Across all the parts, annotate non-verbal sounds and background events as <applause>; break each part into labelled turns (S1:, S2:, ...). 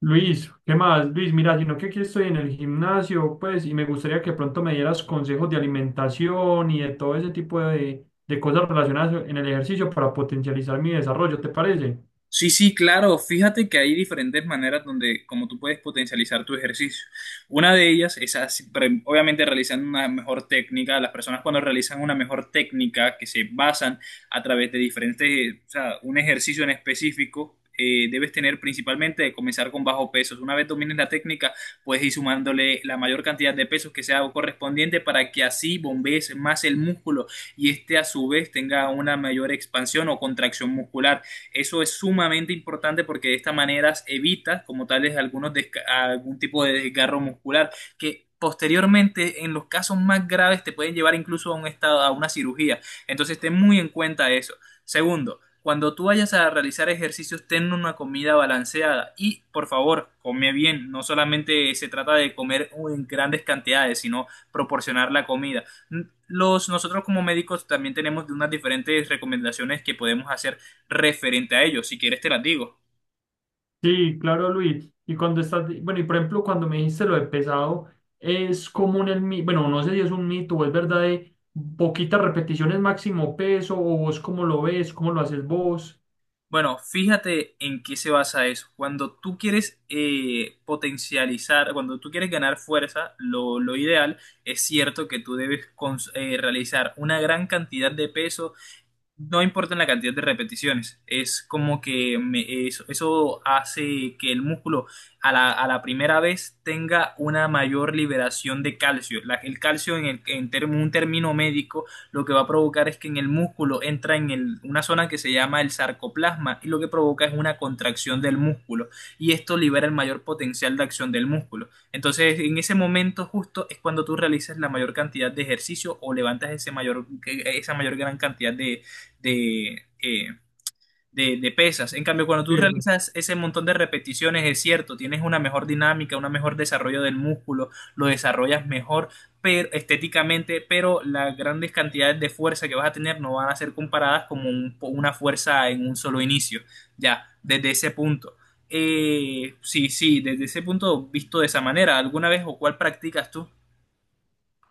S1: Luis, ¿qué más? Luis, mira, sino que aquí estoy en el gimnasio, pues, y me gustaría que pronto me dieras consejos de alimentación y de todo ese tipo de cosas relacionadas en el ejercicio para potencializar mi desarrollo, ¿te parece?
S2: Sí, sí, claro. Fíjate que hay diferentes maneras donde, como tú puedes potencializar tu ejercicio. Una de ellas es así, obviamente realizando una mejor técnica. Las personas cuando realizan una mejor técnica que se basan a través de diferentes, o sea, un ejercicio en específico, debes tener principalmente de comenzar con bajo pesos. Una vez domines la técnica, puedes ir sumándole la mayor cantidad de pesos que sea correspondiente para que así bombees más el músculo y este a su vez tenga una mayor expansión o contracción muscular. Eso es sumamente importante porque de esta manera evitas como tales algunos algún tipo de desgarro muscular que posteriormente en los casos más graves te pueden llevar incluso a un estado, a una cirugía. Entonces ten muy en cuenta eso. Segundo, cuando tú vayas a realizar ejercicios, ten una comida balanceada y por favor, come bien. No solamente se trata de comer en grandes cantidades, sino proporcionar la comida. Nosotros como médicos también tenemos unas diferentes recomendaciones que podemos hacer referente a ello. Si quieres te las digo.
S1: Sí, claro, Luis. Y cuando estás, bueno, y por ejemplo, cuando me dijiste lo de pesado, es común el mito, bueno, no sé si es un mito o es verdad de poquitas repeticiones máximo peso, o vos cómo lo ves, cómo lo haces vos.
S2: Bueno, fíjate en qué se basa eso. Cuando tú quieres potencializar, cuando tú quieres ganar fuerza, lo ideal es cierto que tú debes realizar una gran cantidad de peso. No importa la cantidad de repeticiones, es como que eso, eso hace que el músculo a la primera vez tenga una mayor liberación de calcio. El calcio en un término médico lo que va a provocar es que en el músculo entra en una zona que se llama el sarcoplasma y lo que provoca es una contracción del músculo y esto libera el mayor potencial de acción del músculo. Entonces, en ese momento justo es cuando tú realizas la mayor cantidad de ejercicio o levantas ese mayor, esa mayor gran cantidad de de, eh, de pesas. En cambio, cuando tú
S1: Peso.
S2: realizas ese montón de repeticiones, es cierto, tienes una mejor dinámica, un mejor desarrollo del músculo, lo desarrollas mejor, pero estéticamente, pero las grandes cantidades de fuerza que vas a tener no van a ser comparadas como una fuerza en un solo inicio, ya, desde ese punto. Sí, sí, desde ese punto visto de esa manera, ¿alguna vez o cuál practicas tú?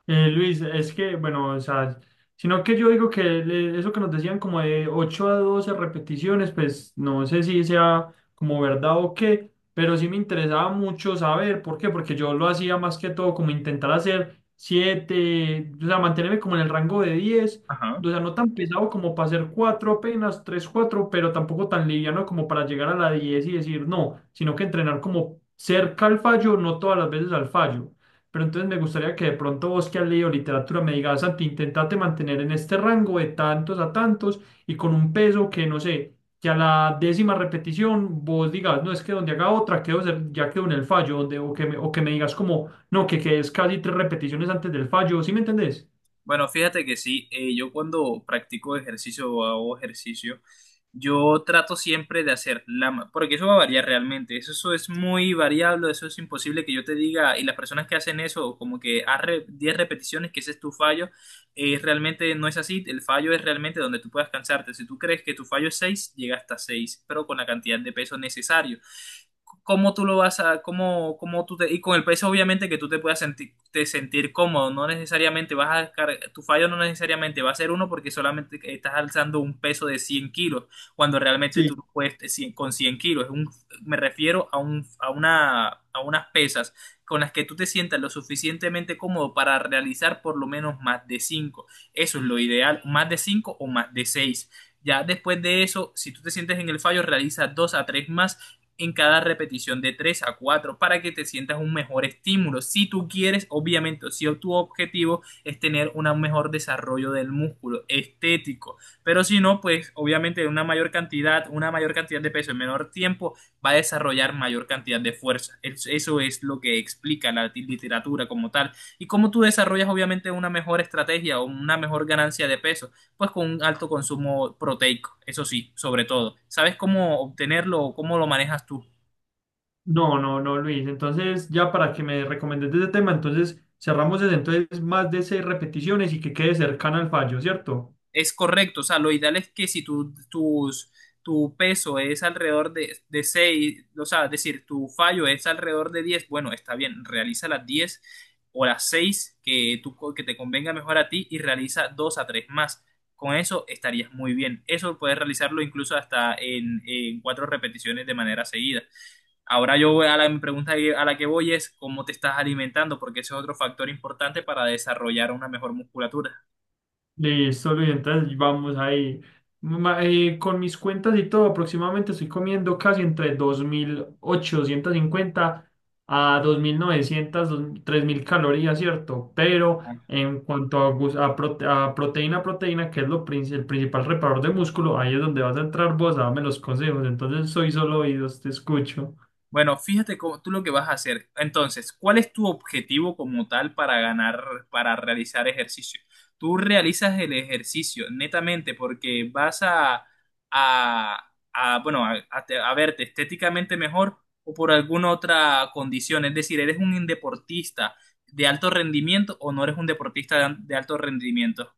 S1: Luis, es que, bueno, o sea, sino que yo digo eso que nos decían como de 8 a 12 repeticiones, pues no sé si sea como verdad o qué, pero sí me interesaba mucho saber por qué, porque yo lo hacía más que todo como intentar hacer 7, o sea, mantenerme como en el rango de 10,
S2: Ajá.
S1: o sea, no tan pesado como para hacer 4 apenas, 3 4, pero tampoco tan liviano como para llegar a la 10 y decir no, sino que entrenar como cerca al fallo, no todas las veces al fallo. Pero entonces me gustaría que de pronto vos que has leído literatura me digas, Santi, intentate mantener en este rango de tantos a tantos y con un peso que no sé, que a la décima repetición vos digas, no es que donde haga otra quedo, ya quedo en el fallo, donde, o que me digas como, no, que quedes casi tres repeticiones antes del fallo, ¿sí me entendés?
S2: Bueno, fíjate que sí, yo cuando practico ejercicio o hago ejercicio, yo trato siempre de hacer la porque eso va a variar realmente, eso es muy variable, eso es imposible que yo te diga, y las personas que hacen eso, como que haz 10 repeticiones, que ese es tu fallo, realmente no es así, el fallo es realmente donde tú puedas cansarte, si tú crees que tu fallo es 6, llega hasta 6, pero con la cantidad de peso necesario. Cómo tú lo vas a, cómo, y con el peso obviamente que tú te puedas sentir, te sentir cómodo, no necesariamente vas a descargar, tu fallo no necesariamente va a ser uno porque solamente estás alzando un peso de 100 kilos, cuando realmente
S1: Sí.
S2: tú no puedes de 100 con 100 kilos. Me refiero a unas pesas con las que tú te sientas lo suficientemente cómodo para realizar por lo menos más de cinco, eso es lo ideal, más de 5 o más de seis. Ya después de eso, si tú te sientes en el fallo, realiza dos a tres más en cada repetición, de 3 a 4 para que te sientas un mejor estímulo. Si tú quieres, obviamente, o si tu objetivo es tener un mejor desarrollo del músculo estético, pero si no, pues obviamente una mayor cantidad de peso en menor tiempo va a desarrollar mayor cantidad de fuerza. Eso es lo que explica la literatura como tal y cómo tú desarrollas obviamente una mejor estrategia o una mejor ganancia de peso, pues con un alto consumo proteico, eso sí, sobre todo. ¿Sabes cómo obtenerlo o cómo lo manejas tú?
S1: No, no, no, Luis. Entonces, ya para que me recomiendes de ese tema, entonces cerramos desde entonces más de seis repeticiones y que quede cercana al fallo, ¿cierto?
S2: Es correcto, o sea, lo ideal es que si tu peso es alrededor de seis, o sea, es decir, tu fallo es alrededor de diez, bueno, está bien, realiza las 10 o las 6 que tú, que te convenga mejor a ti, y realiza 2 a 3 más. Con eso estarías muy bien. Eso puedes realizarlo incluso hasta en 4 repeticiones de manera seguida. Ahora yo voy a la mi pregunta a la que voy es cómo te estás alimentando, porque ese es otro factor importante para desarrollar una mejor musculatura.
S1: Listo, Luis, entonces vamos ahí. Con mis cuentas y todo, aproximadamente estoy comiendo casi entre 2.850 a 2.900, 3.000 calorías, ¿cierto? Pero en cuanto a proteína, que es el principal reparador de músculo, ahí es donde vas a entrar vos a darme los consejos. Entonces soy solo oídos, te escucho.
S2: Bueno, fíjate cómo, tú lo que vas a hacer. Entonces, ¿cuál es tu objetivo como tal para ganar, para realizar ejercicio? Tú realizas el ejercicio netamente porque vas a, bueno, a verte estéticamente mejor o por alguna otra condición. Es decir, ¿eres un deportista de alto rendimiento o no eres un deportista de alto rendimiento?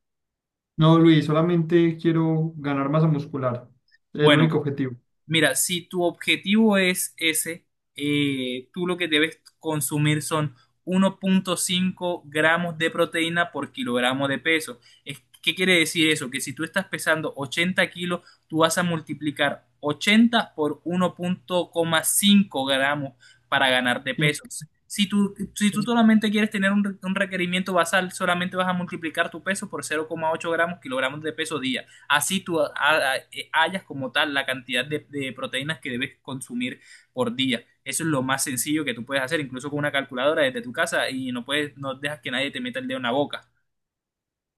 S1: No, Luis, solamente quiero ganar masa muscular. Es el
S2: Bueno,
S1: único objetivo.
S2: mira, si tu objetivo es ese, tú lo que debes consumir son 1.5 gramos de proteína por kilogramo de peso. ¿Qué quiere decir eso? Que si tú estás pesando 80 kilos, tú vas a multiplicar 80 por 1.5 gramos para ganar de peso. Si tú,
S1: Sí.
S2: si tú solamente quieres tener un, un requerimiento basal, solamente vas a multiplicar tu peso por 0,8 gramos, kilogramos de peso día, así tú hallas como tal la cantidad de proteínas que debes consumir por día. Eso es lo más sencillo que tú puedes hacer, incluso con una calculadora desde tu casa, y no puedes, no dejas que nadie te meta el dedo en la boca.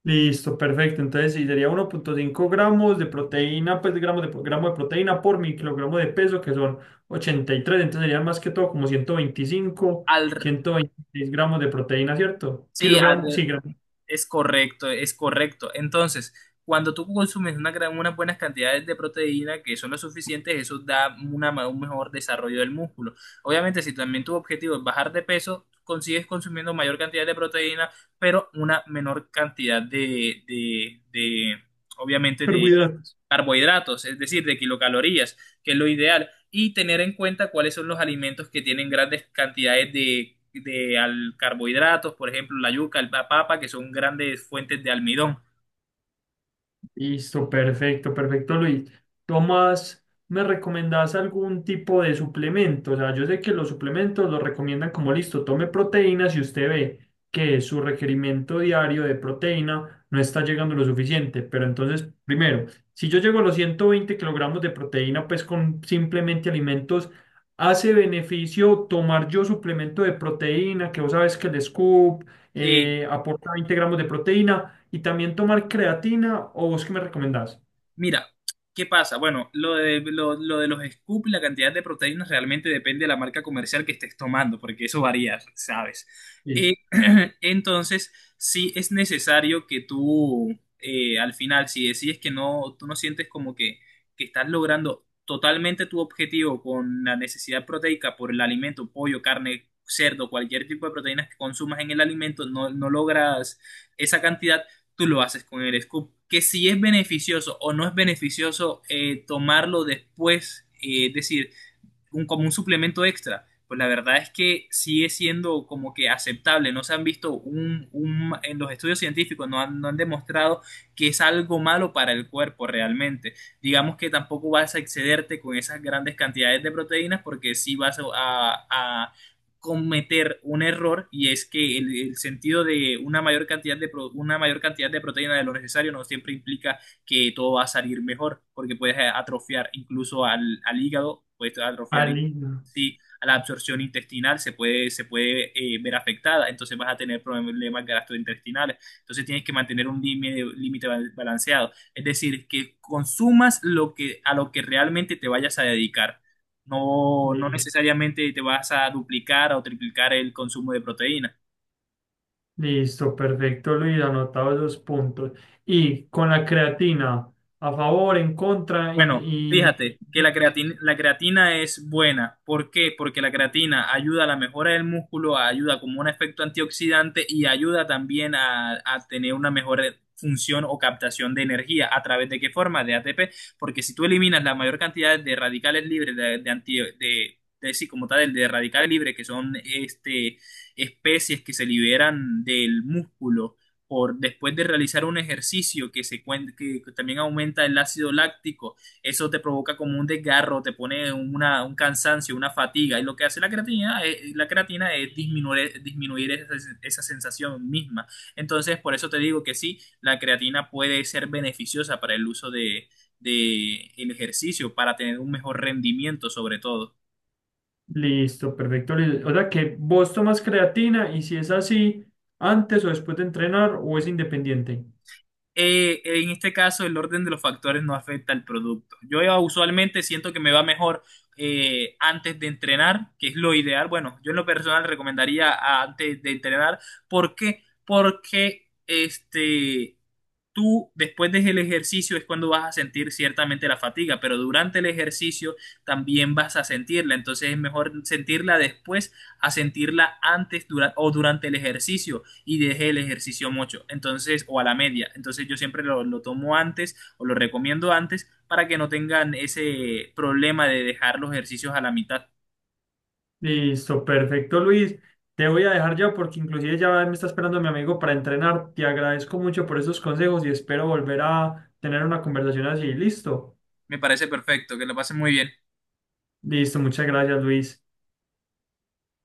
S1: Listo, perfecto. Entonces, sí, sería 1,5 gramos de proteína, pues gramo de proteína por mi kilogramo de peso, que son 83. Entonces, serían más que todo como
S2: Al,
S1: ciento 126 gramos de proteína, ¿cierto?
S2: sí,
S1: Kilogramos, sí,
S2: al,
S1: gramos de
S2: Es correcto, es correcto. Entonces, cuando tú consumes una gran, unas buenas cantidades de proteína que son lo suficientes, eso da una, un mejor desarrollo del músculo. Obviamente, si también tu objetivo es bajar de peso, consigues consumiendo mayor cantidad de proteína, pero una menor cantidad de obviamente, de
S1: carbohidratos.
S2: carbohidratos, es decir, de kilocalorías, que es lo ideal, y tener en cuenta cuáles son los alimentos que tienen grandes cantidades de carbohidratos, por ejemplo, la yuca, la papa, que son grandes fuentes de almidón.
S1: Listo, perfecto, perfecto, Luis. Tomás, ¿me recomendás algún tipo de suplemento? O sea, yo sé que los suplementos los recomiendan como listo, tome proteínas y usted ve que su requerimiento diario de proteína no está llegando lo suficiente. Pero entonces, primero, si yo llego a los 120 kilogramos de proteína, pues con simplemente alimentos, ¿hace beneficio tomar yo suplemento de proteína, que vos sabes que el scoop
S2: Sí,
S1: aporta 20 gramos de proteína? Y también tomar creatina, o vos qué me recomendás?
S2: mira, ¿qué pasa? Bueno, lo de, lo de los scoops, la cantidad de proteínas realmente depende de la marca comercial que estés tomando, porque eso varía, ¿sabes?
S1: Sí.
S2: Eh, <clears throat> entonces, sí es necesario que tú, al final, si decides que no, tú no sientes como que estás logrando totalmente tu objetivo con la necesidad proteica por el alimento, pollo, carne, cerdo, cualquier tipo de proteínas que consumas en el alimento, no, no logras esa cantidad, tú lo haces con el scoop. Que si es beneficioso o no es beneficioso tomarlo después, es decir, un, como un suplemento extra. Pues la verdad es que sigue siendo como que aceptable. No se han visto un en los estudios científicos, no han demostrado que es algo malo para el cuerpo realmente. Digamos que tampoco vas a excederte con esas grandes cantidades de proteínas, porque sí vas a, a cometer un error, y es que el sentido de una mayor cantidad una mayor cantidad de proteína de lo necesario no siempre implica que todo va a salir mejor, porque puedes atrofiar incluso al hígado, puedes atrofiar
S1: Alina.
S2: sí, a la absorción intestinal, se puede, se puede ver afectada, entonces vas a tener problemas gastrointestinales, entonces tienes que mantener un límite, límite balanceado, es decir, que consumas lo que, a lo que realmente te vayas a dedicar. No, no
S1: Li-
S2: necesariamente te vas a duplicar o triplicar el consumo de proteínas.
S1: Listo, perfecto, Luis, anotado esos puntos. Y con la creatina, a favor, en contra,
S2: Bueno,
S1: y
S2: fíjate que la creatina es buena. ¿Por qué? Porque la creatina ayuda a la mejora del músculo, ayuda como un efecto antioxidante y ayuda también a tener una mejor función o captación de energía. ¿A través de qué forma? De ATP. Porque si tú eliminas la mayor cantidad de radicales libres, de anti- de- sí, como tal, de radicales libres, que son este, especies que se liberan del músculo por después de realizar un ejercicio que también aumenta el ácido láctico, eso te provoca como un desgarro, te pone una, un cansancio, una fatiga. Y lo que hace la creatina es disminuir, disminuir esa, esa sensación misma. Entonces, por eso te digo que sí, la creatina puede ser beneficiosa para el uso de el ejercicio, para tener un mejor rendimiento sobre todo.
S1: listo, perfecto, Luis. O sea que vos tomas creatina y si es así, antes o después de entrenar, o es independiente.
S2: En este caso el orden de los factores no afecta al producto. Yo usualmente siento que me va mejor antes de entrenar, que es lo ideal. Bueno, yo en lo personal recomendaría antes de entrenar. ¿Por qué? Porque este, tú después del ejercicio es cuando vas a sentir ciertamente la fatiga, pero durante el ejercicio también vas a sentirla, entonces es mejor sentirla después a sentirla antes o durante el ejercicio y deje el ejercicio mucho, entonces o a la media, entonces yo siempre lo tomo antes o lo recomiendo antes para que no tengan ese problema de dejar los ejercicios a la mitad.
S1: Listo, perfecto, Luis. Te voy a dejar ya porque inclusive ya me está esperando mi amigo para entrenar. Te agradezco mucho por esos consejos y espero volver a tener una conversación así. Listo.
S2: Me parece perfecto, que lo pasen muy bien.
S1: Listo, muchas gracias, Luis.